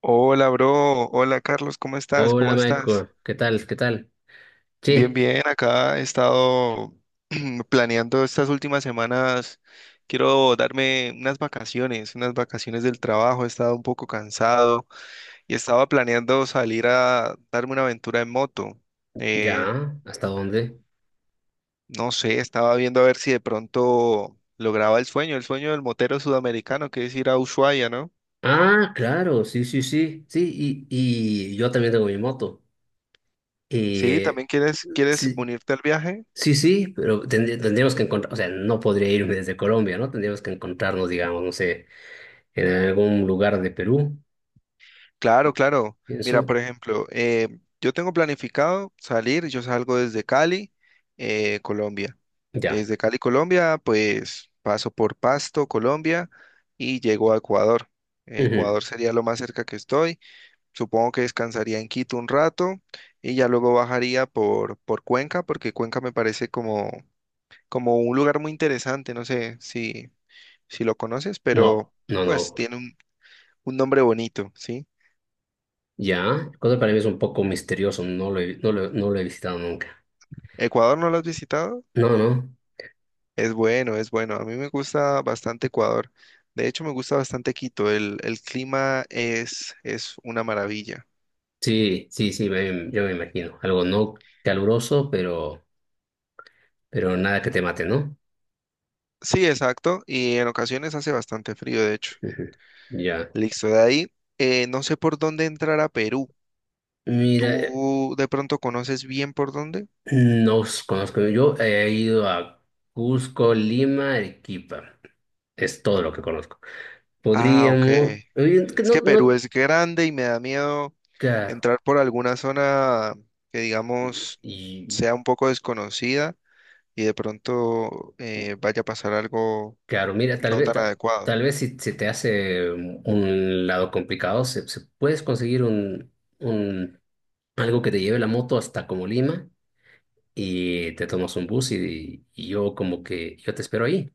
Hola, bro. Hola, Carlos. ¿Cómo estás? Hola ¿Cómo estás? Michael, ¿qué tal? ¿Qué tal? Bien, Che, bien. Acá he estado planeando estas últimas semanas. Quiero darme unas vacaciones del trabajo. He estado un poco cansado y estaba planeando salir a darme una aventura en moto. Eh, ¿ya? ¿Hasta dónde? no sé, estaba viendo a ver si de pronto lograba el sueño del motero sudamericano, que es ir a Ushuaia, ¿no? Ah, claro, sí, sí, sí, sí, y yo también tengo mi moto. Sí, Eh, ¿también quieres sí, unirte al viaje? sí, sí, pero tendríamos que encontrar, o sea, no podría irme desde Colombia, ¿no? Tendríamos que encontrarnos, digamos, no sé, en algún lugar de Perú, Claro, claro. Mira, por pienso. ejemplo, yo tengo planificado salir, yo salgo desde Cali, Colombia. Ya. Desde Cali, Colombia, pues paso por Pasto, Colombia, y llego a Ecuador. Ujú. Ecuador sería lo más cerca que estoy. Supongo que descansaría en Quito un rato y ya luego bajaría por Cuenca, porque Cuenca me parece como, como un lugar muy interesante. No sé si, si lo conoces, pero No, no, pues no. tiene un nombre bonito, ¿sí? Ya. Cosa para mí es un poco misterioso, no lo he visitado nunca. ¿Ecuador no lo has visitado? No, no. Es bueno, es bueno. A mí me gusta bastante Ecuador. De hecho, me gusta bastante Quito. El clima es una maravilla. Sí, sí, sí, yo me imagino. Algo no caluroso, pero nada que te mate, ¿no? Sí, exacto. Y en ocasiones hace bastante frío, de hecho. Ujú. Ya. Listo, de ahí, no sé por dónde entrar a Perú. Mira, ¿Tú de pronto conoces bien por dónde? no os conozco. Yo he ido a Cusco, Lima, Arequipa. Es todo lo que conozco. Ah, ok. Podríamos. Es Que No, que Perú no, es grande y me da miedo claro. entrar por alguna zona que, Y, digamos, y, sea un poco desconocida y de pronto vaya a pasar algo claro, mira, tal no vez, tan ta- adecuado. tal vez si se te hace un lado complicado, puedes conseguir un algo que te lleve la moto hasta como Lima y te tomas un bus y yo como que yo te espero ahí.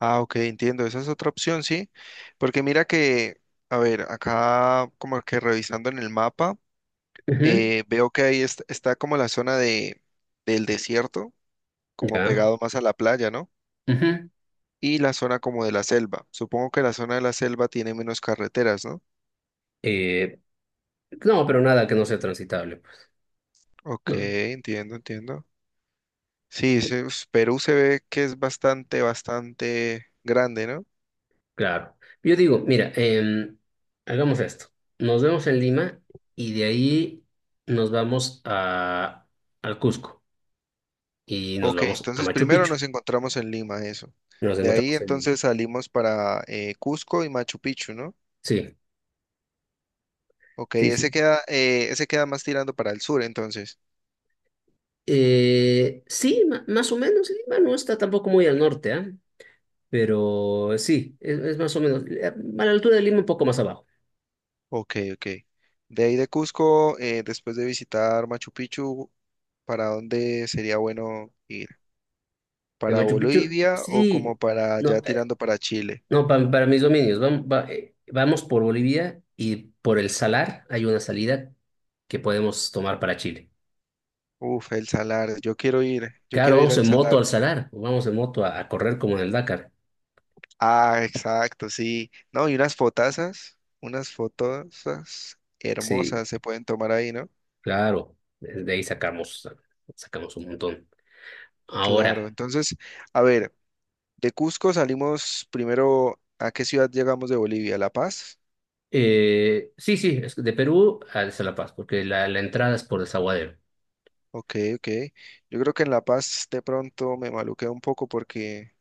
Ah, ok, entiendo. Esa es otra opción, sí. Porque mira que, a ver, acá como que revisando en el mapa, Ujú. Veo que ahí está como la zona de, del desierto, como Ya. pegado más a la playa, ¿no? Ujú. Y la zona como de la selva. Supongo que la zona de la selva tiene menos carreteras, ¿no? Eh, no, pero nada que no sea transitable, pues. Ok, No, entiendo, entiendo. Sí, Perú se ve que es bastante, bastante grande, ¿no? claro. Yo digo, mira, hagamos esto. Nos vemos en Lima y de ahí nos vamos al Cusco y nos Ok, vamos a entonces Machu primero Picchu. nos encontramos en Lima, eso. Nos De ahí encontramos en Lima. entonces salimos para Cusco y Machu Picchu, ¿no? Sí, Ok, sí, sí. Ese queda más tirando para el sur, entonces. Sí, más o menos, sí, Lima no está tampoco muy al norte, ¿ah? Pero sí, es más o menos a la altura de Lima, un poco más abajo. Ok, ok. De ahí de Cusco, después de visitar Machu Picchu, ¿para dónde sería bueno ir? En ¿Para Machu Picchu, Bolivia o sí, como para ya no, tirando para Chile? Para mis dominios. Vamos, vamos por Bolivia y por el Salar hay una salida que podemos tomar para Chile. Uf, el Salar, yo Claro, quiero ir vamos al en moto Salar. al Salar, vamos en moto a correr como en el Dakar. Ah, exacto, sí. No, y unas fotazas, unas fotosas Sí, hermosas se pueden tomar ahí, ¿no? claro, de ahí sacamos un montón. Claro, Ahora, entonces, a ver, de Cusco salimos primero, ¿a qué ciudad llegamos de Bolivia? ¿La Paz? Sí, sí, es de Perú a La Paz, porque la entrada es por Desaguadero. Ok, ok. Yo creo que en La Paz de pronto me maluqué un poco porque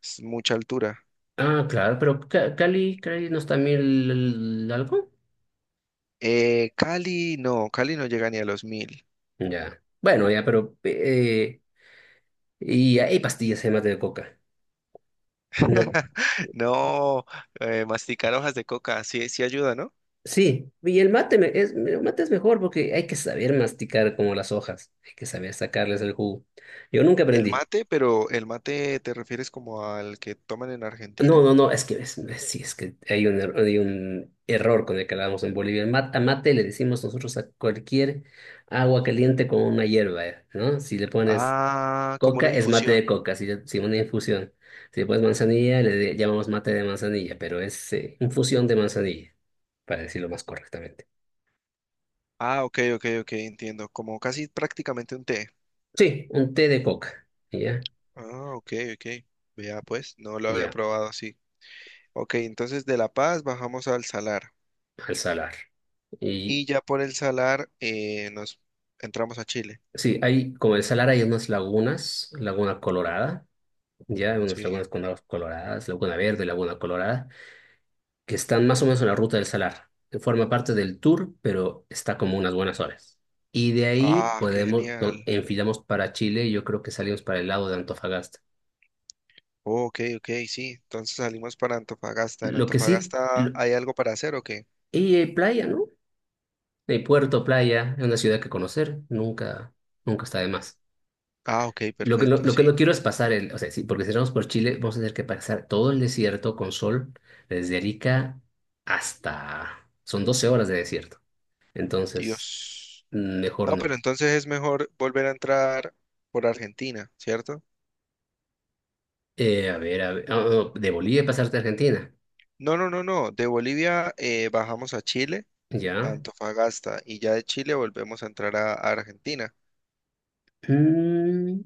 es mucha altura. Ah, claro, pero Cali no está mil algo. Cali no llega ni a los 1000. Ya. Bueno, ya, pero y hay pastillas de mate de coca. No. No, masticar hojas de coca, sí, sí ayuda, ¿no? Sí, y el mate es el mate es mejor porque hay que saber masticar como las hojas, hay que saber sacarles el jugo. Yo nunca El aprendí. mate, pero ¿el mate te refieres como al que toman en Argentina? No, no, no, es que sí, es que hay un error con el que hablamos en Bolivia. El mate, a mate le decimos nosotros a cualquier agua caliente con una hierba, ¿no? Si le pones Ah, como una Coca es mate infusión. de coca, si una infusión. Si pues manzanilla, le llamamos mate de manzanilla, pero es infusión de manzanilla, para decirlo más correctamente. Ah, ok, ok, ok, entiendo. Como casi prácticamente un té. Sí, un té de coca, ¿ya? Ah, ok, ok. Vea, pues, no lo había Ya, probado así. Ok, entonces de La Paz bajamos al Salar. al Salar. Y Y ya por el Salar nos entramos a Chile. sí, hay, como el Salar hay unas lagunas, Laguna Colorada, ya, hay unas Sí. lagunas con aguas coloradas, Laguna Verde, Laguna Colorada, que están más o menos en la ruta del Salar, que forma parte del tour, pero está como unas buenas horas. Y de ahí Ah, qué podemos, no- genial. enfilamos para Chile, y yo creo que salimos para el lado de Antofagasta. Oh, ok, ok, sí. Entonces salimos para Antofagasta. ¿En Lo que sí, Antofagasta hay algo para hacer o qué? y hay playa, ¿no? Hay puerto, playa, es una ciudad que conocer, nunca, nunca está de más. Ah, ok, Lo que, no- perfecto, lo, que sí. no quiero es pasar el, o sea, sí, porque si vamos por Chile, vamos a tener que pasar todo el desierto con sol, desde Arica hasta, son 12 horas de desierto. Entonces, Dios. Mejor No, pero no. entonces es mejor volver a entrar por Argentina, ¿cierto? A ver, a ver, ah, no, de Bolivia pasarte a Argentina. No, no, no, no. De Bolivia bajamos a Chile, a Ya. Antofagasta, y ya de Chile volvemos a entrar a Argentina. Mm,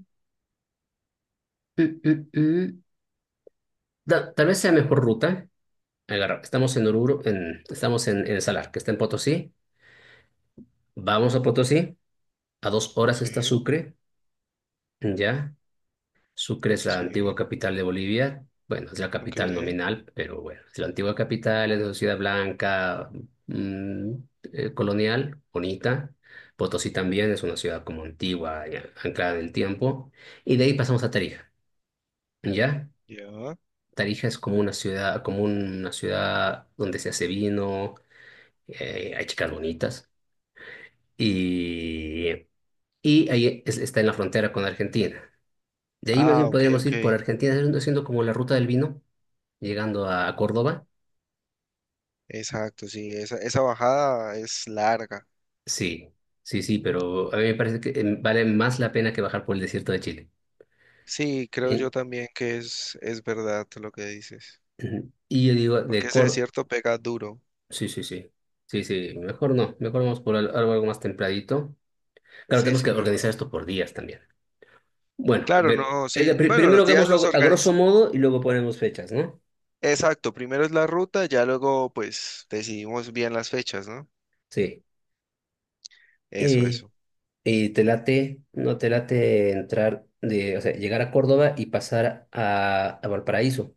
mm, mm, mm. Tal vez sea mejor ruta. Estamos en Oruro, estamos en Salar, que está en Potosí. Vamos a Potosí. A 2 horas Sí, está Sucre. Ya. Sucre es la sí, antigua capital de Bolivia. Bueno, es la ok, capital nominal, pero bueno, es la antigua capital, es una ciudad blanca, mm, colonial, bonita. Potosí también es una ciudad como antigua, ya, anclada en el tiempo. Y de ahí pasamos a Tarija, ¿ya? ya. Tarija es como una ciudad donde se hace vino, hay chicas bonitas. Y, y ahí está en la frontera con Argentina. De ahí más Ah, bien ok, podríamos ok. ir por Argentina, haciendo como la ruta del vino. Llegando a Córdoba, Exacto, sí, esa bajada es larga. sí, sí, sí, pero a mí me parece que vale más la pena que bajar por el desierto de Chile. Sí, creo Eh, yo también que es verdad lo que dices, ujú. Y yo digo, de porque ese Córdoba, desierto pega duro. sí, sí, sí, sí, sí, mejor no, mejor vamos por algo, más templadito. Claro, Sí, tenemos sí, que mejor. organizar esto por días también. Bueno, Claro, no, sí. Bueno, primero los días los hagámoslo a grosso organizamos. modo y luego ponemos fechas, ¿no? Exacto, primero es la ruta, ya luego pues decidimos bien las fechas, ¿no? Sí. Eso, Eh, eso. y te late, no te late entrar o sea, llegar a Córdoba y pasar a Valparaíso,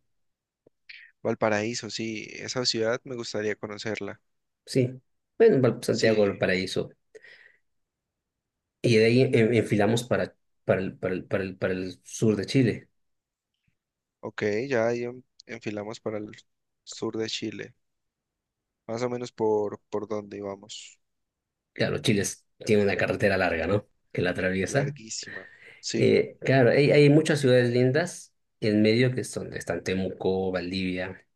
Valparaíso, sí, esa ciudad me gustaría conocerla. sí. Bueno, Santiago Sí, Valparaíso. Y de ahí enfilamos para el sur de Chile. ok, ya ahí enfilamos para el sur de Chile, más o menos por donde íbamos. Claro, Chile tiene una carretera larga, ¿no? Que la atraviesa. Larguísima, sí, Claro, hay muchas ciudades lindas en medio que están Temuco, Valdivia,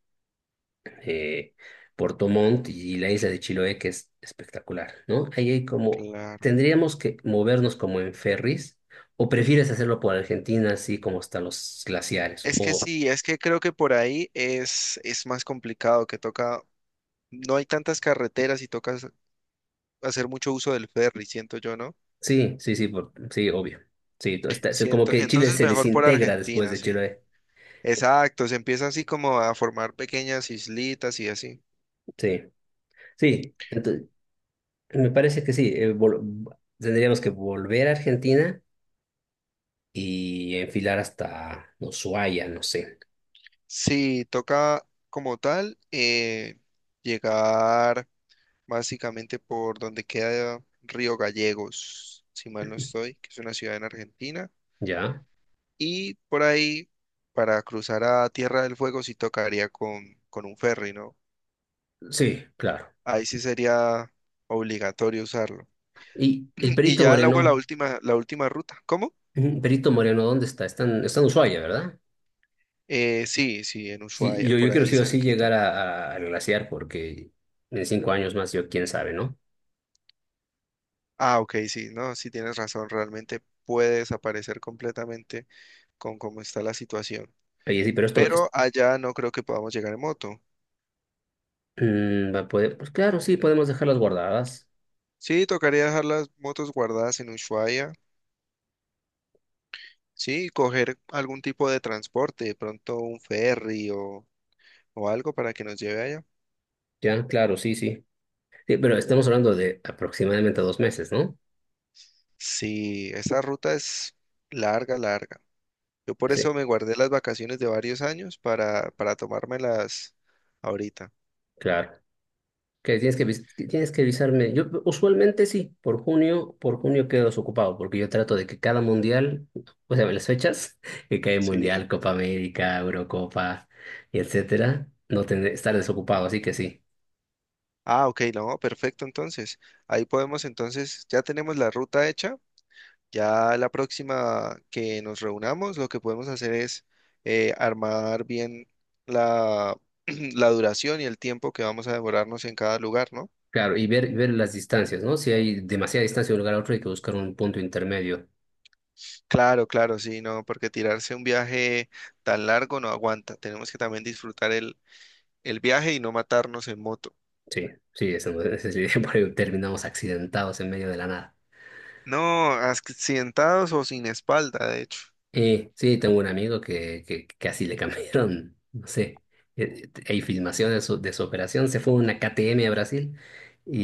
eh, Puerto Montt y la isla de Chiloé, que es espectacular, ¿no? Ahí hay como, claro. tendríamos que movernos como en ferries, o prefieres hacerlo por Argentina, así como hasta los glaciares, Es que o. sí, es que creo que por ahí es más complicado, que toca, no hay tantas carreteras y toca hacer mucho uso del ferry, siento yo, ¿no? Sí, sí, sí, sí, obvio. Sí, todo está, como Siento, que Chile entonces se mejor por desintegra después Argentina, de sí. Chile. Exacto, se empieza así como a formar pequeñas islitas y así. Sí, sí. Entonces, me parece que sí. Tendríamos que volver a Argentina y enfilar hasta Ushuaia, no sé. Sí, toca como tal llegar básicamente por donde queda Río Gallegos, si mal no estoy, que es una ciudad en Argentina. ¿Ya? Y por ahí, para cruzar a Tierra del Fuego, sí tocaría con un ferry, ¿no? Sí, claro. Ahí sí sería obligatorio usarlo. Y el Y Perito ya luego Moreno, la última ruta. ¿Cómo? ujú, Perito Moreno, ¿dónde está? Está en Ushuaia, ¿verdad? Sí, sí, en Sí, Ushuaia, yo por quiero ahí sí o sí cerquita. llegar a, al glaciar porque en 5 años más yo, quién sabe, ¿no? Ah, ok, sí, no, sí tienes razón, realmente puede desaparecer completamente con cómo está la situación. Oye, sí, pero esto. Pero allá no creo que podamos llegar en moto. Pues claro, sí, podemos dejarlas guardadas. Sí, tocaría dejar las motos guardadas en Ushuaia, sí, y coger algún tipo de transporte, de pronto un ferry o algo para que nos lleve allá. Ya, claro, sí, sí. Sí, pero estamos hablando de aproximadamente 2 meses, ¿no? Sí, esa ruta es larga, larga. Yo por Sí, eso me guardé las vacaciones de varios años para tomármelas ahorita. claro. Que tienes que avisarme. Yo usualmente sí, por junio quedo desocupado, porque yo trato de que cada mundial, o sea, las fechas, que cae Sí. Mundial, Copa América, Eurocopa, y etcétera, no tener, estar desocupado, así que sí. Ah, ok, no, perfecto, entonces. Ahí podemos, entonces, ya tenemos la ruta hecha. Ya la próxima que nos reunamos, lo que podemos hacer es armar bien la, la duración y el tiempo que vamos a demorarnos en cada lugar, ¿no? Claro, y ver las distancias, ¿no? Si hay demasiada distancia de un lugar a otro, hay que buscar un punto intermedio. Claro, claro, sí, no, porque tirarse un viaje tan largo no aguanta. Tenemos que también disfrutar el viaje y no matarnos en moto. Sí, sí, eso, ese sí, por ahí terminamos accidentados en medio de la nada. No, accidentados o sin espalda, de hecho. Sí, tengo un amigo que, así le cambiaron, no sé, hay filmaciones de su operación, se fue a una KTM a Brasil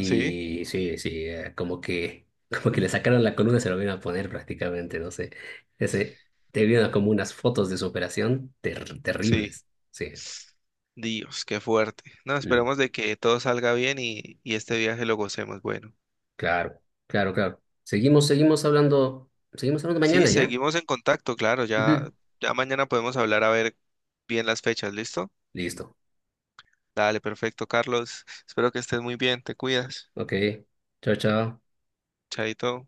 Sí, sí, sí, como que, como que le sacaron la columna y se lo vieron a poner prácticamente, no sé. Ese, te vieron como unas fotos de su operación ter- sí. terribles. Sí, Dios, qué fuerte. No, mm, esperemos de que todo salga bien y este viaje lo gocemos. Bueno, claro, claro, claro. Seguimos hablando sí, mañana, ¿ya? seguimos en contacto, claro, Ujú. ya, ya mañana podemos hablar a ver bien las fechas, ¿listo? Listo. Dale, perfecto, Carlos. Espero que estés muy bien, te cuidas. Ok, chao, chao. Chaito.